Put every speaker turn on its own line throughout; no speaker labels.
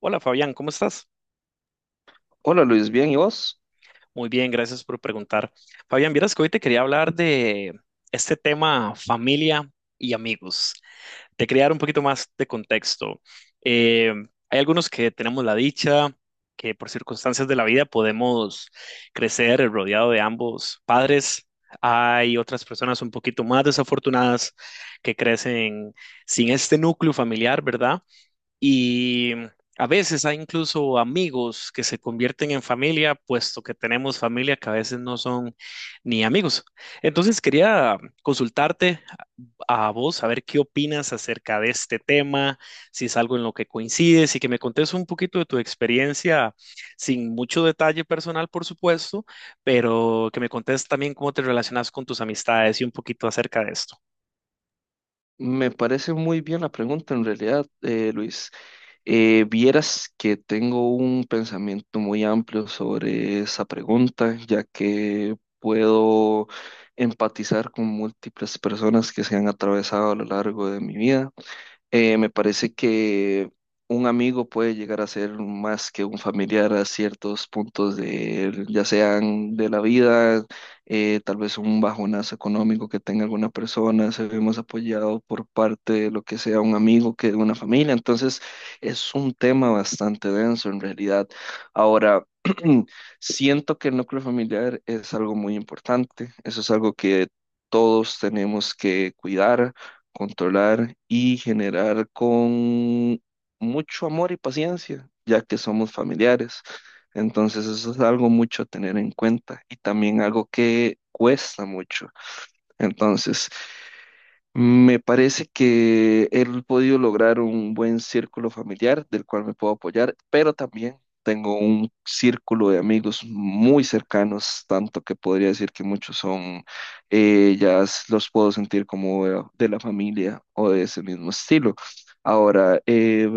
Hola Fabián, ¿cómo estás?
Hola Luis, bien, ¿y vos?
Muy bien, gracias por preguntar. Fabián, vieras que hoy te quería hablar de este tema familia y amigos. Te quería dar un poquito más de contexto. Eh, Hay algunos que tenemos la dicha que por circunstancias de la vida podemos crecer rodeado de ambos padres. Hay otras personas un poquito más desafortunadas que crecen sin este núcleo familiar, ¿verdad? Y mm, a veces hay incluso amigos que se convierten en familia, puesto que tenemos familia que a veces no son ni amigos. Entonces quería consultarte a vos, a ver qué opinas acerca de este tema, si es algo en lo que coincides y que me contes un poquito de tu experiencia, sin mucho detalle personal, por supuesto, pero que me contes también cómo te relacionas con tus amistades y un poquito acerca de esto.
Me parece muy bien la pregunta en realidad, Luis. Vieras que tengo un pensamiento muy amplio sobre esa pregunta, ya que puedo empatizar con múltiples personas que se han atravesado a lo largo de mi vida. Me parece que un amigo puede llegar a ser más que un familiar a ciertos puntos de, ya sean de la vida, tal vez un bajonazo económico que tenga alguna persona, se ve más apoyado por parte de lo que sea un amigo que de una familia. Entonces, es un tema bastante denso en realidad. Ahora, siento que el núcleo familiar es algo muy importante, eso es algo que todos tenemos que cuidar, controlar y generar con mucho amor y paciencia, ya que somos familiares. Entonces eso es algo mucho a tener en cuenta y también algo que cuesta mucho. Entonces, me parece que he podido lograr un buen círculo familiar del cual me puedo apoyar, pero también tengo un círculo de amigos muy cercanos, tanto que podría decir que muchos son, los puedo sentir como de la familia o de ese mismo estilo. Ahora,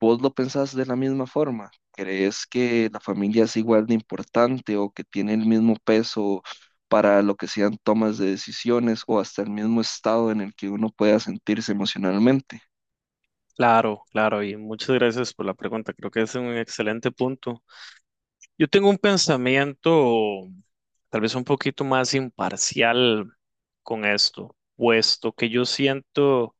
¿vos lo pensás de la misma forma? ¿Crees que la familia es igual de importante o que tiene el mismo peso para lo que sean tomas de decisiones o hasta el mismo estado en el que uno pueda sentirse emocionalmente?
Claro, claro, y muchas gracias por la pregunta. Creo que es un excelente punto. Yo tengo un pensamiento tal vez un poquito más imparcial con esto, puesto que yo siento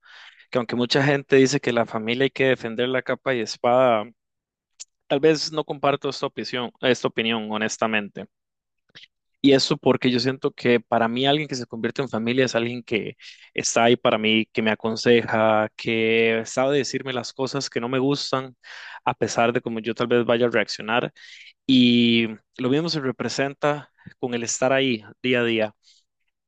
que aunque mucha gente dice que la familia hay que defender la capa y espada, tal vez no comparto esta opinión, honestamente. Y eso porque yo siento que para mí alguien que se convierte en familia es alguien que está ahí para mí, que me aconseja, que sabe decirme las cosas que no me gustan, a pesar de cómo yo tal vez vaya a reaccionar. Y lo mismo se representa con el estar ahí día a día.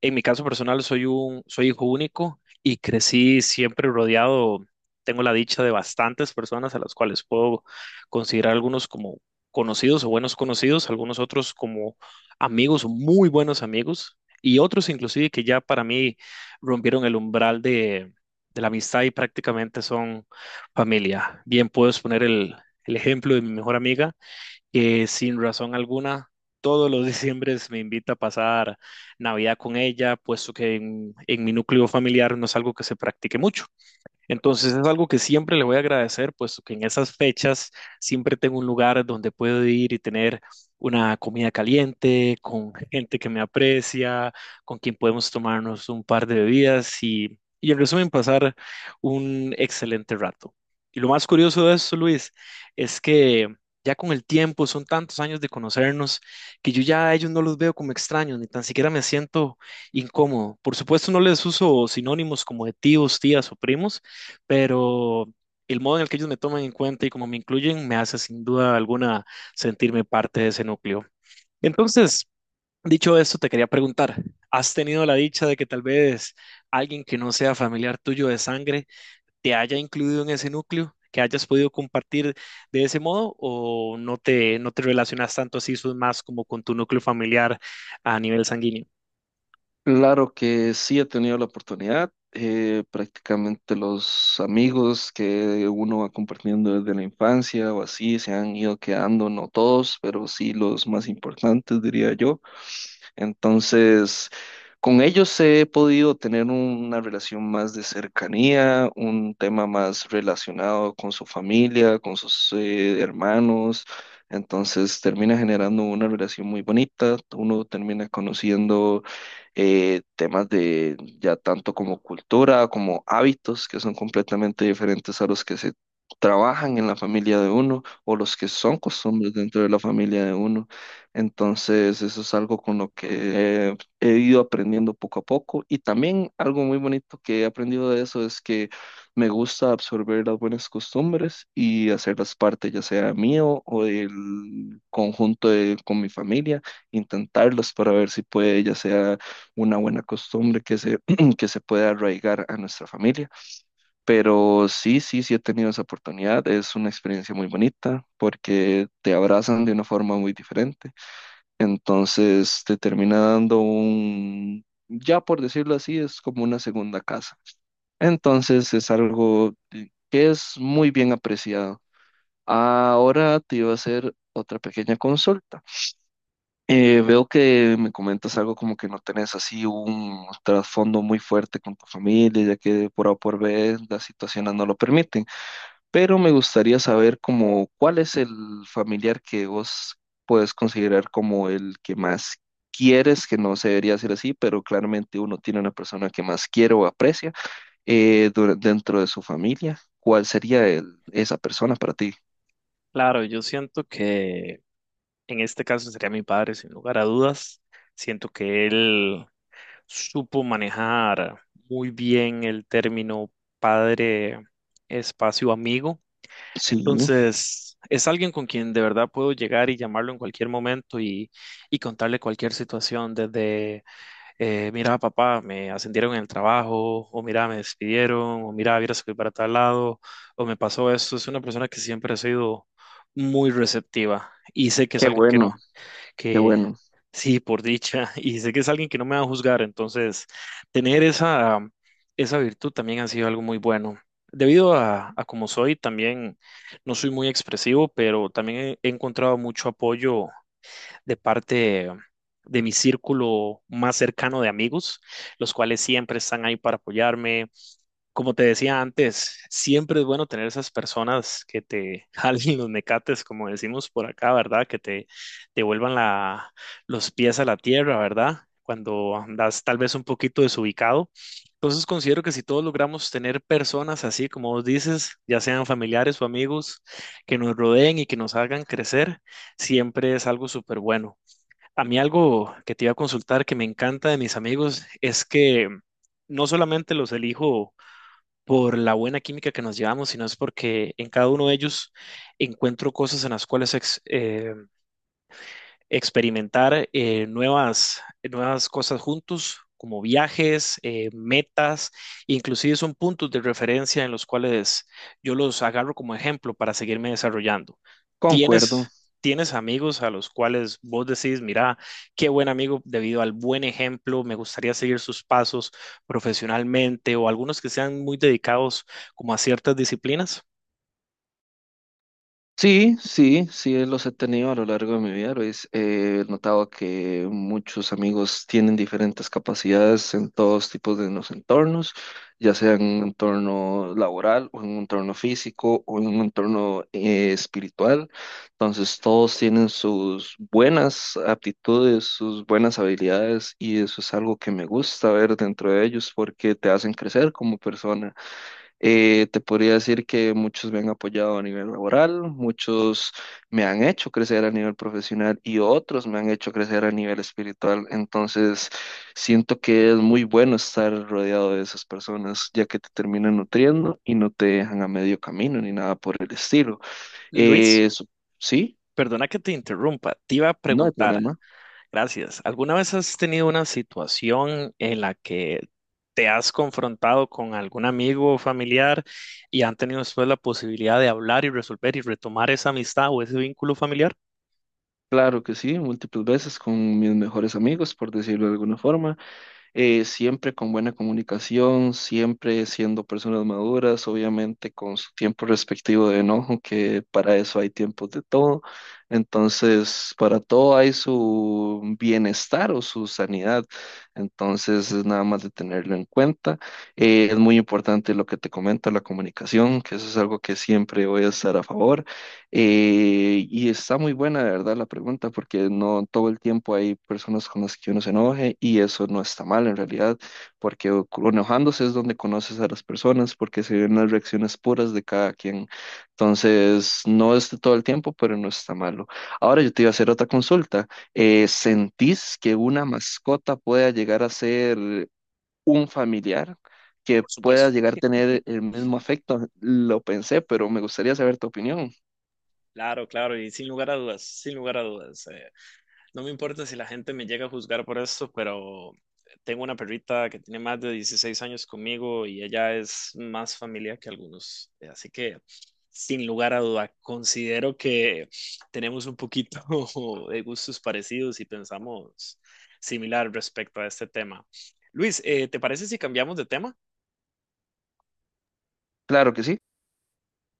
En mi caso personal, soy hijo único y crecí siempre rodeado, tengo la dicha de bastantes personas a las cuales puedo considerar algunos como conocidos o buenos conocidos, algunos otros como amigos, o muy buenos amigos, y otros inclusive que ya para mí rompieron el umbral de la amistad y prácticamente son familia. Bien, puedo exponer el ejemplo de mi mejor amiga que sin razón alguna todos los diciembres me invita a pasar Navidad con ella, puesto que en mi núcleo familiar no es algo que se practique mucho. Entonces es algo que siempre le voy a agradecer, puesto que en esas fechas siempre tengo un lugar donde puedo ir y tener una comida caliente, con gente que me aprecia, con quien podemos tomarnos un par de bebidas y en resumen pasar un excelente rato. Y lo más curioso de esto, Luis, es que ya con el tiempo, son tantos años de conocernos, que yo ya a ellos no los veo como extraños, ni tan siquiera me siento incómodo. Por supuesto, no les uso sinónimos como de tíos, tías o primos, pero el modo en el que ellos me toman en cuenta y cómo me incluyen me hace sin duda alguna sentirme parte de ese núcleo. Entonces, dicho esto, te quería preguntar, ¿has tenido la dicha de que tal vez alguien que no sea familiar tuyo de sangre te haya incluido en ese núcleo? ¿Que hayas podido compartir de ese modo o no te relacionas tanto así, sos más como con tu núcleo familiar a nivel sanguíneo?
Claro que sí he tenido la oportunidad, prácticamente los amigos que uno va compartiendo desde la infancia o así se han ido quedando, no todos, pero sí los más importantes, diría yo. Entonces, con ellos he podido tener una relación más de cercanía, un tema más relacionado con su familia, con sus hermanos. Entonces termina generando una relación muy bonita, uno termina conociendo temas de ya tanto como cultura, como hábitos que son completamente diferentes a los que se trabajan en la familia de uno o los que son costumbres dentro de la familia de uno. Entonces, eso es algo con lo que he ido aprendiendo poco a poco. Y también algo muy bonito que he aprendido de eso es que me gusta absorber las buenas costumbres y hacerlas parte, ya sea mío o del conjunto de- con mi familia, intentarlas para ver si puede, ya sea una buena costumbre que que se pueda arraigar a nuestra familia. Pero sí, sí, sí he tenido esa oportunidad. Es una experiencia muy bonita porque te abrazan de una forma muy diferente, entonces te termina dando un, ya por decirlo así, es como una segunda casa. Entonces es algo que es muy bien apreciado. Ahora te iba a hacer otra pequeña consulta. Veo que me comentas algo como que no tenés así un trasfondo muy fuerte con tu familia, ya que por A o por B las situaciones no lo permiten, pero me gustaría saber como cuál es el familiar que vos puedes considerar como el que más quieres, que no se debería ser así, pero claramente uno tiene una persona que más quiere o aprecia dentro de su familia. ¿Cuál sería esa persona para ti?
Claro, yo siento que en este caso sería mi padre, sin lugar a dudas. Siento que él supo manejar muy bien el término padre, espacio, amigo.
Sí,
Entonces, es alguien con quien de verdad puedo llegar y llamarlo en cualquier momento y contarle cualquier situación, desde, mira, papá, me ascendieron en el trabajo, o mira, me despidieron, o mira, vieras que voy para tal lado, o me pasó esto. Es una persona que siempre ha sido muy receptiva y sé que es
qué
alguien que
bueno,
no...
qué bueno.
Sí, por dicha. Y sé que es alguien que no me va a juzgar, entonces tener esa virtud también ha sido algo muy bueno. Debido a cómo soy, también no soy muy expresivo, pero también he encontrado mucho apoyo de parte de mi círculo más cercano de amigos, los cuales siempre están ahí para apoyarme, como te decía antes, siempre es bueno tener esas personas que te jalen los mecates, como decimos por acá, ¿verdad? Que te vuelvan la, los pies a la tierra, ¿verdad? Cuando andas tal vez un poquito desubicado. Entonces considero que si todos logramos tener personas así, como vos dices, ya sean familiares o amigos, que nos rodeen y que nos hagan crecer, siempre es algo súper bueno. A mí algo que te iba a consultar que me encanta de mis amigos es que no solamente los elijo por la buena química que nos llevamos, sino es porque en cada uno de ellos encuentro cosas en las cuales experimentar nuevas cosas juntos, como viajes, metas, inclusive son puntos de referencia en los cuales yo los agarro como ejemplo para seguirme desarrollando.
Concuerdo.
¿Tienes, tienes amigos a los cuales vos decís, mira, qué buen amigo debido al buen ejemplo, me gustaría seguir sus pasos profesionalmente o algunos que sean muy dedicados como a ciertas disciplinas?
Sí, sí, sí, los he tenido a lo largo de mi vida, Luis. He notado que muchos amigos tienen diferentes capacidades en todos tipos de los entornos, ya sea en un entorno laboral o en un entorno físico o en un entorno espiritual. Entonces, todos tienen sus buenas aptitudes, sus buenas habilidades y eso es algo que me gusta ver dentro de ellos porque te hacen crecer como persona. Te podría decir que muchos me han apoyado a nivel laboral, muchos me han hecho crecer a nivel profesional y otros me han hecho crecer a nivel espiritual. Entonces, siento que es muy bueno estar rodeado de esas personas, ya que te terminan nutriendo y no te dejan a medio camino ni nada por el estilo.
Luis,
Eh, su- sí,
perdona que te interrumpa, te iba a
no hay
preguntar.
problema.
Gracias. ¿Alguna vez has tenido una situación en la que te has confrontado con algún amigo o familiar y han tenido después la posibilidad de hablar y resolver y retomar esa amistad o ese vínculo familiar?
Claro que sí, múltiples veces con mis mejores amigos, por decirlo de alguna forma. Siempre con buena comunicación, siempre siendo personas maduras, obviamente con su tiempo respectivo de enojo, que para eso hay tiempos de todo. Entonces, para todo hay su bienestar o su sanidad. Entonces, es nada más de tenerlo en cuenta. Es muy importante lo que te comento, la comunicación, que eso es algo que siempre voy a estar a favor. Y está muy buena, de verdad, la pregunta, porque no todo el tiempo hay personas con las que uno se enoje y eso no está mal en realidad, porque enojándose es donde conoces a las personas, porque se ven las reacciones puras de cada quien. Entonces, no es de todo el tiempo, pero no está malo. Ahora yo te iba a hacer otra consulta. ¿Sentís que una mascota pueda llegar a ser un familiar? ¿Que
Por
pueda
supuesto.
llegar a tener el mismo afecto? Lo pensé, pero me gustaría saber tu opinión.
Claro, claro, y sin lugar a dudas, sin lugar a dudas. No me importa si la gente me llega a juzgar por esto, pero tengo una perrita que tiene más de 16 años conmigo y ella es más familia que algunos. Así que, sin lugar a duda, considero que tenemos un poquito de gustos parecidos y pensamos similar respecto a este tema. Luis, ¿te parece si cambiamos de tema?
Claro que sí.